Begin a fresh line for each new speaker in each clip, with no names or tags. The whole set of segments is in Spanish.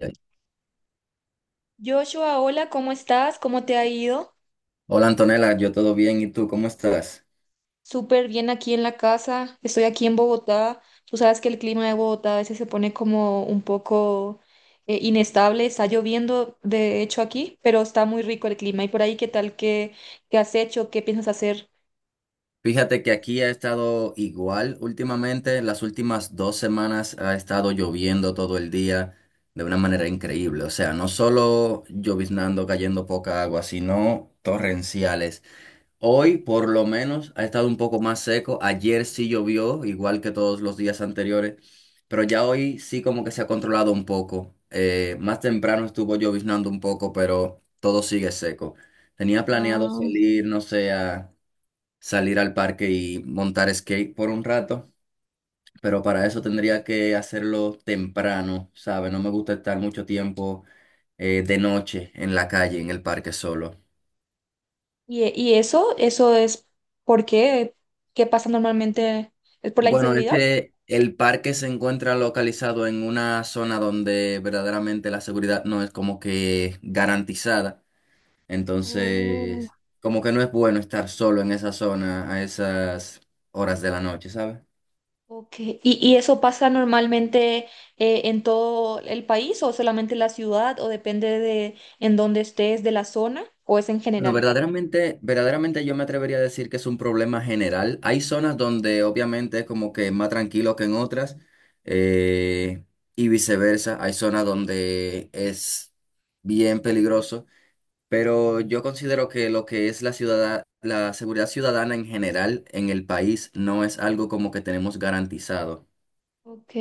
Ya.
Joshua, hola, ¿cómo estás? ¿Cómo te ha ido?
Hola Antonella, yo todo bien, ¿y tú cómo estás?
Súper bien aquí en la casa. Estoy aquí en Bogotá. Tú sabes que el clima de Bogotá a veces se pone como un poco inestable. Está lloviendo, de hecho, aquí, pero está muy rico el clima. ¿Y por ahí qué tal? ¿Qué has hecho? ¿Qué piensas hacer?
Fíjate que aquí ha estado igual últimamente, las últimas 2 semanas ha estado lloviendo todo el día de una manera increíble, o sea, no solo lloviznando, cayendo poca agua, sino torrenciales. Hoy por lo menos ha estado un poco más seco. Ayer sí llovió, igual que todos los días anteriores, pero ya hoy sí como que se ha controlado un poco. Más temprano estuvo lloviznando un poco, pero todo sigue seco. Tenía planeado
Ah,
salir, no sé, a salir al parque y montar skate por un rato, pero para eso tendría que hacerlo temprano, ¿sabes? No me gusta estar mucho tiempo de noche en la calle, en el parque solo.
y, y eso es ¿por qué? ¿Qué pasa normalmente? ¿Es por la
Bueno, es
inseguridad?
que el parque se encuentra localizado en una zona donde verdaderamente la seguridad no es como que garantizada. Entonces, como que no es bueno estar solo en esa zona a esas horas de la noche, ¿sabes?
Ok. ¿Y eso pasa normalmente, ¿en todo el país o solamente en la ciudad, o depende de en dónde estés, de la zona, o es en
Bueno,
general?
verdaderamente yo me atrevería a decir que es un problema general. Hay zonas donde obviamente es como que más tranquilo que en otras, eh, y viceversa. Hay zonas donde es bien peligroso. Pero yo considero que lo que es la ciudad, la seguridad ciudadana en general en el país no es algo como que tenemos garantizado.
Ok.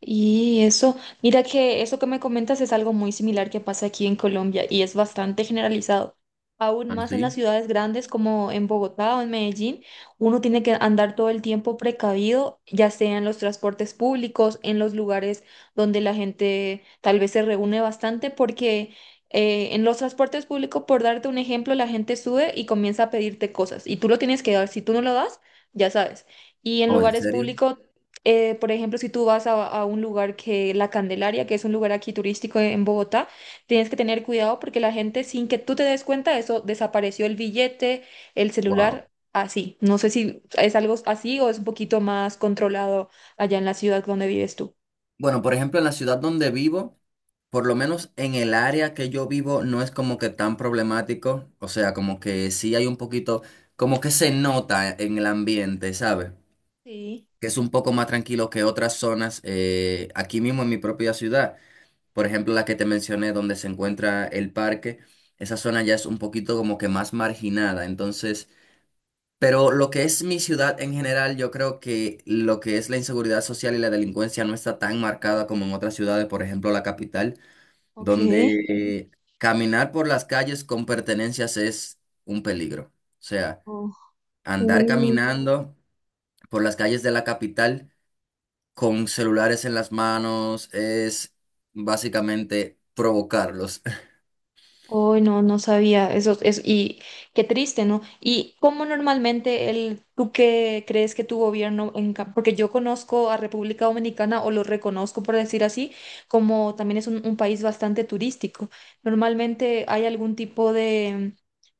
Y eso, mira que eso que me comentas es algo muy similar que pasa aquí en Colombia y es bastante generalizado. Aún
¿Ah,
más en las
sí?
ciudades grandes como en Bogotá o en Medellín, uno tiene que andar todo el tiempo precavido, ya sea en los transportes públicos, en los lugares donde la gente tal vez se reúne bastante, porque en los transportes públicos, por darte un ejemplo, la gente sube y comienza a pedirte cosas y tú lo tienes que dar. Si tú no lo das, ya sabes. Y en
¿O en
lugares
serio?
públicos, por ejemplo, si tú vas a un lugar que La Candelaria, que es un lugar aquí turístico en Bogotá, tienes que tener cuidado porque la gente, sin que tú te des cuenta, eso desapareció el billete, el
Wow.
celular, así. No sé si es algo así o es un poquito más controlado allá en la ciudad donde vives tú.
Bueno, por ejemplo, en la ciudad donde vivo, por lo menos en el área que yo vivo, no es como que tan problemático. O sea, como que sí hay un poquito, como que se nota en el ambiente, ¿sabes?
Sí,
Que es un poco más tranquilo que otras zonas aquí mismo en mi propia ciudad. Por ejemplo, la que te mencioné, donde se encuentra el parque, esa zona ya es un poquito como que más marginada. Entonces, pero lo que es mi ciudad en general, yo creo que lo que es la inseguridad social y la delincuencia no está tan marcada como en otras ciudades, por ejemplo, la capital,
ok.
donde caminar por las calles con pertenencias es un peligro. O sea, andar
Oh.
caminando por las calles de la capital con celulares en las manos es básicamente provocarlos.
Oh, no, no sabía eso, es y qué triste, ¿no? ¿Y cómo normalmente el, tú qué crees que tu gobierno, en, ca- porque yo conozco a República Dominicana o lo reconozco por decir así, como también es un país bastante turístico. Normalmente hay algún tipo de,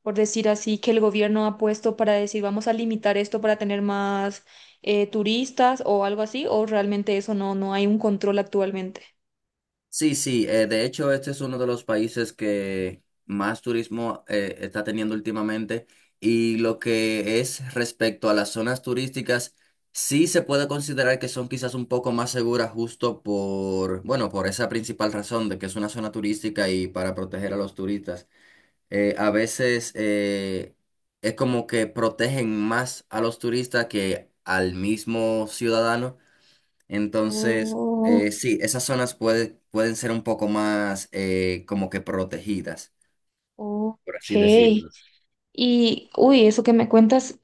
por decir así, que el gobierno ha puesto para decir, vamos a limitar esto para tener más turistas o algo así, o realmente eso no, no hay un control actualmente.
Sí, sí, de hecho este es uno de los países que más turismo está teniendo últimamente y lo que es respecto a las zonas turísticas, sí se puede considerar que son quizás un poco más seguras justo por, bueno, por esa principal razón de que es una zona turística y para proteger a los turistas. A veces es como que protegen más a los turistas que al mismo ciudadano entonces,
Oh,
sí, esas zonas pueden ser un poco más como que protegidas,
ok.
por así decirlo.
Y, uy, eso que me cuentas,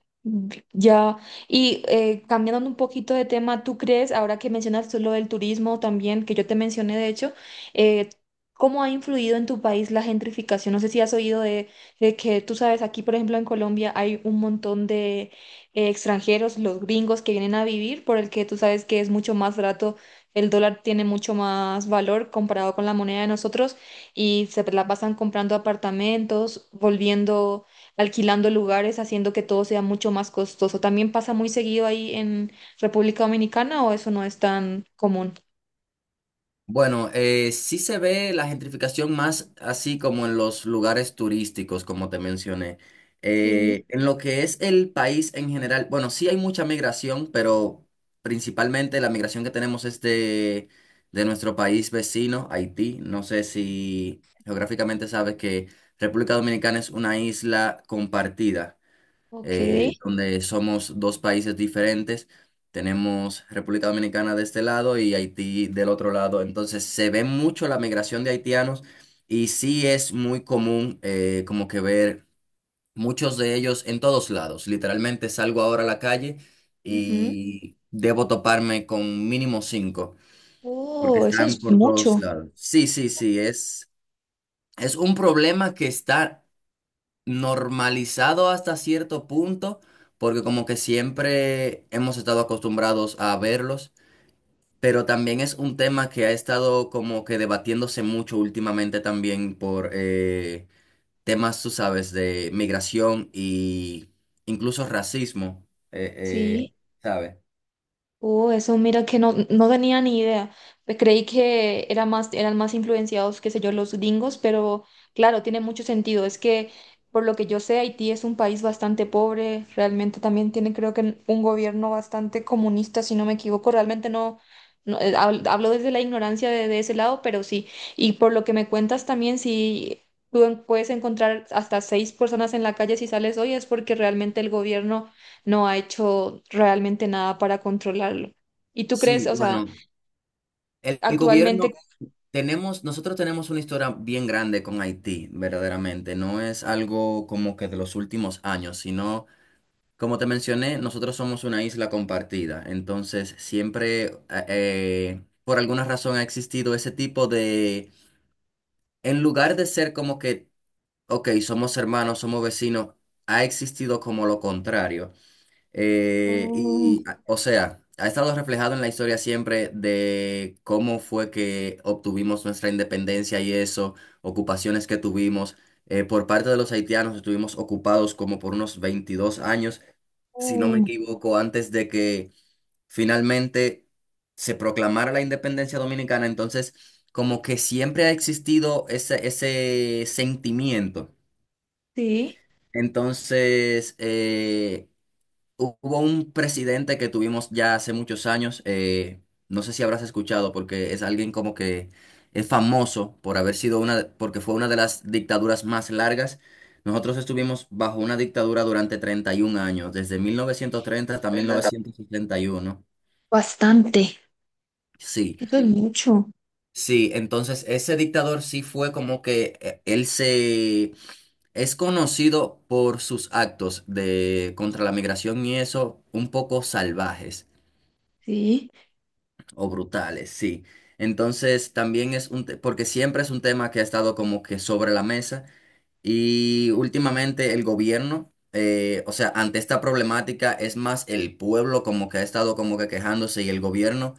ya. Y cambiando un poquito de tema, ¿tú crees, ahora que mencionas tú lo del turismo también, que yo te mencioné de hecho, eh, cómo ha influido en tu país la gentrificación? No sé si has oído de que tú sabes, aquí por ejemplo en Colombia hay un montón de extranjeros, los gringos que vienen a vivir, por el que tú sabes que es mucho más barato, el dólar tiene mucho más valor comparado con la moneda de nosotros y se la pasan comprando apartamentos, volviendo alquilando lugares, haciendo que todo sea mucho más costoso. ¿También pasa muy seguido ahí en República Dominicana o eso no es tan común?
Bueno, sí se ve la gentrificación más así como en los lugares turísticos, como te mencioné.
Sí,
En lo que es el país en general, bueno, sí hay mucha migración, pero principalmente la migración que tenemos es de nuestro país vecino, Haití. No sé si geográficamente sabes que República Dominicana es una isla compartida.
ok.
Donde somos dos países diferentes. Tenemos República Dominicana de este lado y Haití del otro lado. Entonces se ve mucho la migración de haitianos y sí es muy común como que ver muchos de ellos en todos lados. Literalmente salgo ahora a la calle
Ujú.
y debo toparme con mínimo cinco porque
Oh, eso es
están por todos
mucho.
lados. Sí, sí, sí, es un problema que está normalizado hasta cierto punto, porque como que siempre hemos estado acostumbrados a verlos, pero también es un tema que ha estado como que debatiéndose mucho últimamente también por temas, tú sabes, de migración y, incluso, racismo,
Sí.
¿sabes?
Oh, eso mira que no, no tenía ni idea. Pues creí que era más, eran más influenciados, qué sé yo, los gringos, pero claro, tiene mucho sentido. Es que, por lo que yo sé, Haití es un país bastante pobre, realmente también tiene, creo que, un gobierno bastante comunista, si no me equivoco. Realmente no, no, hab- hablo desde la ignorancia de ese lado, pero sí. Y por lo que me cuentas también, si tú en- puedes encontrar hasta 6 personas en la calle si sales hoy, es porque realmente el gobierno no ha hecho realmente nada para controlarlo. ¿Y tú crees,
Sí,
o sea,
bueno, el gobierno,
actualmente...
tenemos, nosotros tenemos una historia bien grande con Haití, verdaderamente, no es algo como que de los últimos años, sino... Como te mencioné, nosotros somos una isla compartida, entonces siempre por alguna razón ha existido ese tipo de, en lugar de ser como que, ok, somos hermanos, somos vecinos, ha existido como lo contrario.
Oh,
Y, o sea, ha estado reflejado en la historia siempre de cómo fue que obtuvimos nuestra independencia y eso, ocupaciones que tuvimos. Por parte de los haitianos estuvimos ocupados como por unos 22 años si no me
oh,
equivoco, antes de que finalmente se proclamara la independencia dominicana. Entonces, como que siempre ha existido ese, ese sentimiento.
sí,
Entonces, hubo un presidente que tuvimos ya hace muchos años, no sé si habrás escuchado, porque es alguien como que es famoso por haber sido una, porque fue una de las dictaduras más largas. Nosotros estuvimos bajo una dictadura durante 31 años, desde 1930 hasta 1971.
bastante.
Sí,
Eso es mucho,
sí, entonces ese dictador sí fue como que él se... Es conocido por sus actos de contra la migración y eso, un poco salvajes.
sí.
O brutales, sí. Entonces también es un, porque siempre es un tema que ha estado como que sobre la mesa y últimamente el gobierno, o sea, ante esta problemática es más el pueblo como que ha estado como que quejándose y el gobierno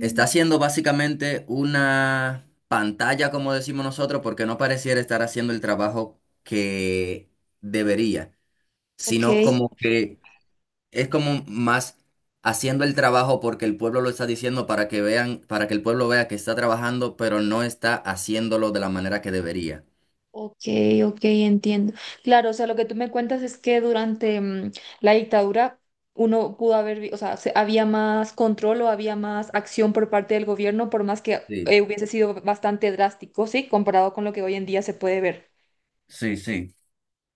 está haciendo básicamente una pantalla, como decimos nosotros, porque no pareciera estar haciendo el trabajo que debería,
ok,
sino como que es como más haciendo el trabajo porque el pueblo lo está diciendo para que vean, para que el pueblo vea que está trabajando, pero no está haciéndolo de la manera que debería.
ok, ok, entiendo. Claro, o sea, lo que tú me cuentas es que durante mm, la dictadura uno pudo haber, vi- o sea, se- había más control o había más acción por parte del gobierno, por más que
Sí,
hubiese sido bastante drástico, sí, comparado con lo que hoy en día se puede ver.
sí, sí,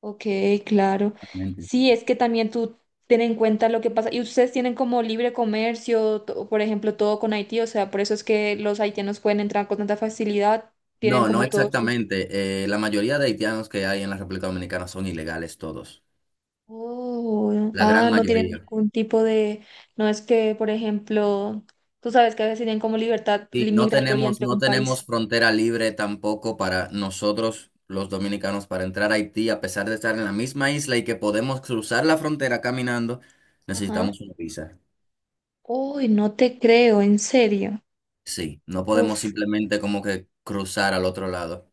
Ok, claro.
realmente.
Sí, es que también tú ten en cuenta lo que pasa. Y ustedes tienen como libre comercio, to- por ejemplo, todo con Haití, o sea, por eso es que los haitianos pueden entrar con tanta facilidad, tienen
No, no
como todos sus...
exactamente. La mayoría de haitianos que hay en la República Dominicana son ilegales todos,
Oh,
la
ah,
gran
no tienen
mayoría.
ningún tipo de... No es que, por ejemplo, tú sabes que a veces tienen como libertad
Sí,
li-
no
migratoria
tenemos,
entre
no
un país.
tenemos frontera libre tampoco para nosotros, los dominicanos, para entrar a Haití, a pesar de estar en la misma isla y que podemos cruzar la frontera caminando,
Ajá.
necesitamos una visa.
Uy, no te creo, en serio.
Sí, no podemos
Uf,
simplemente como que cruzar al otro lado.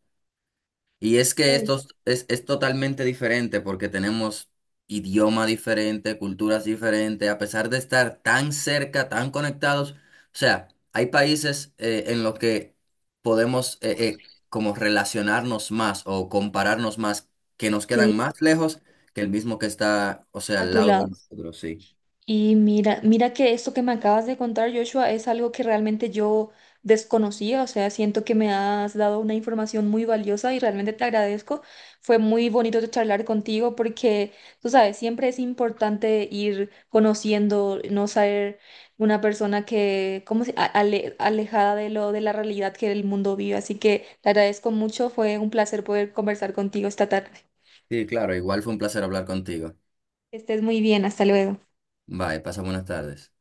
Y es que
uy,
esto es totalmente diferente porque tenemos idioma diferente, culturas diferentes, a pesar de estar tan cerca, tan conectados. O sea, hay países en los que podemos como relacionarnos más o compararnos más, que nos quedan
sí,
más lejos que el mismo que está, o sea,
a
al
tu
lado de
lado.
nosotros, sí.
Y mira, mira que esto que me acabas de contar, Joshua, es algo que realmente yo desconocía, o sea, siento que me has dado una información muy valiosa y realmente te agradezco. Fue muy bonito charlar contigo porque, tú sabes, siempre es importante ir conociendo, no ser una persona que, como alejada de lo de la realidad que el mundo vive. Así que te agradezco mucho, fue un placer poder conversar contigo esta tarde.
Sí, claro, igual fue un placer hablar contigo.
Que estés muy bien, hasta luego.
Bye, pasa buenas tardes.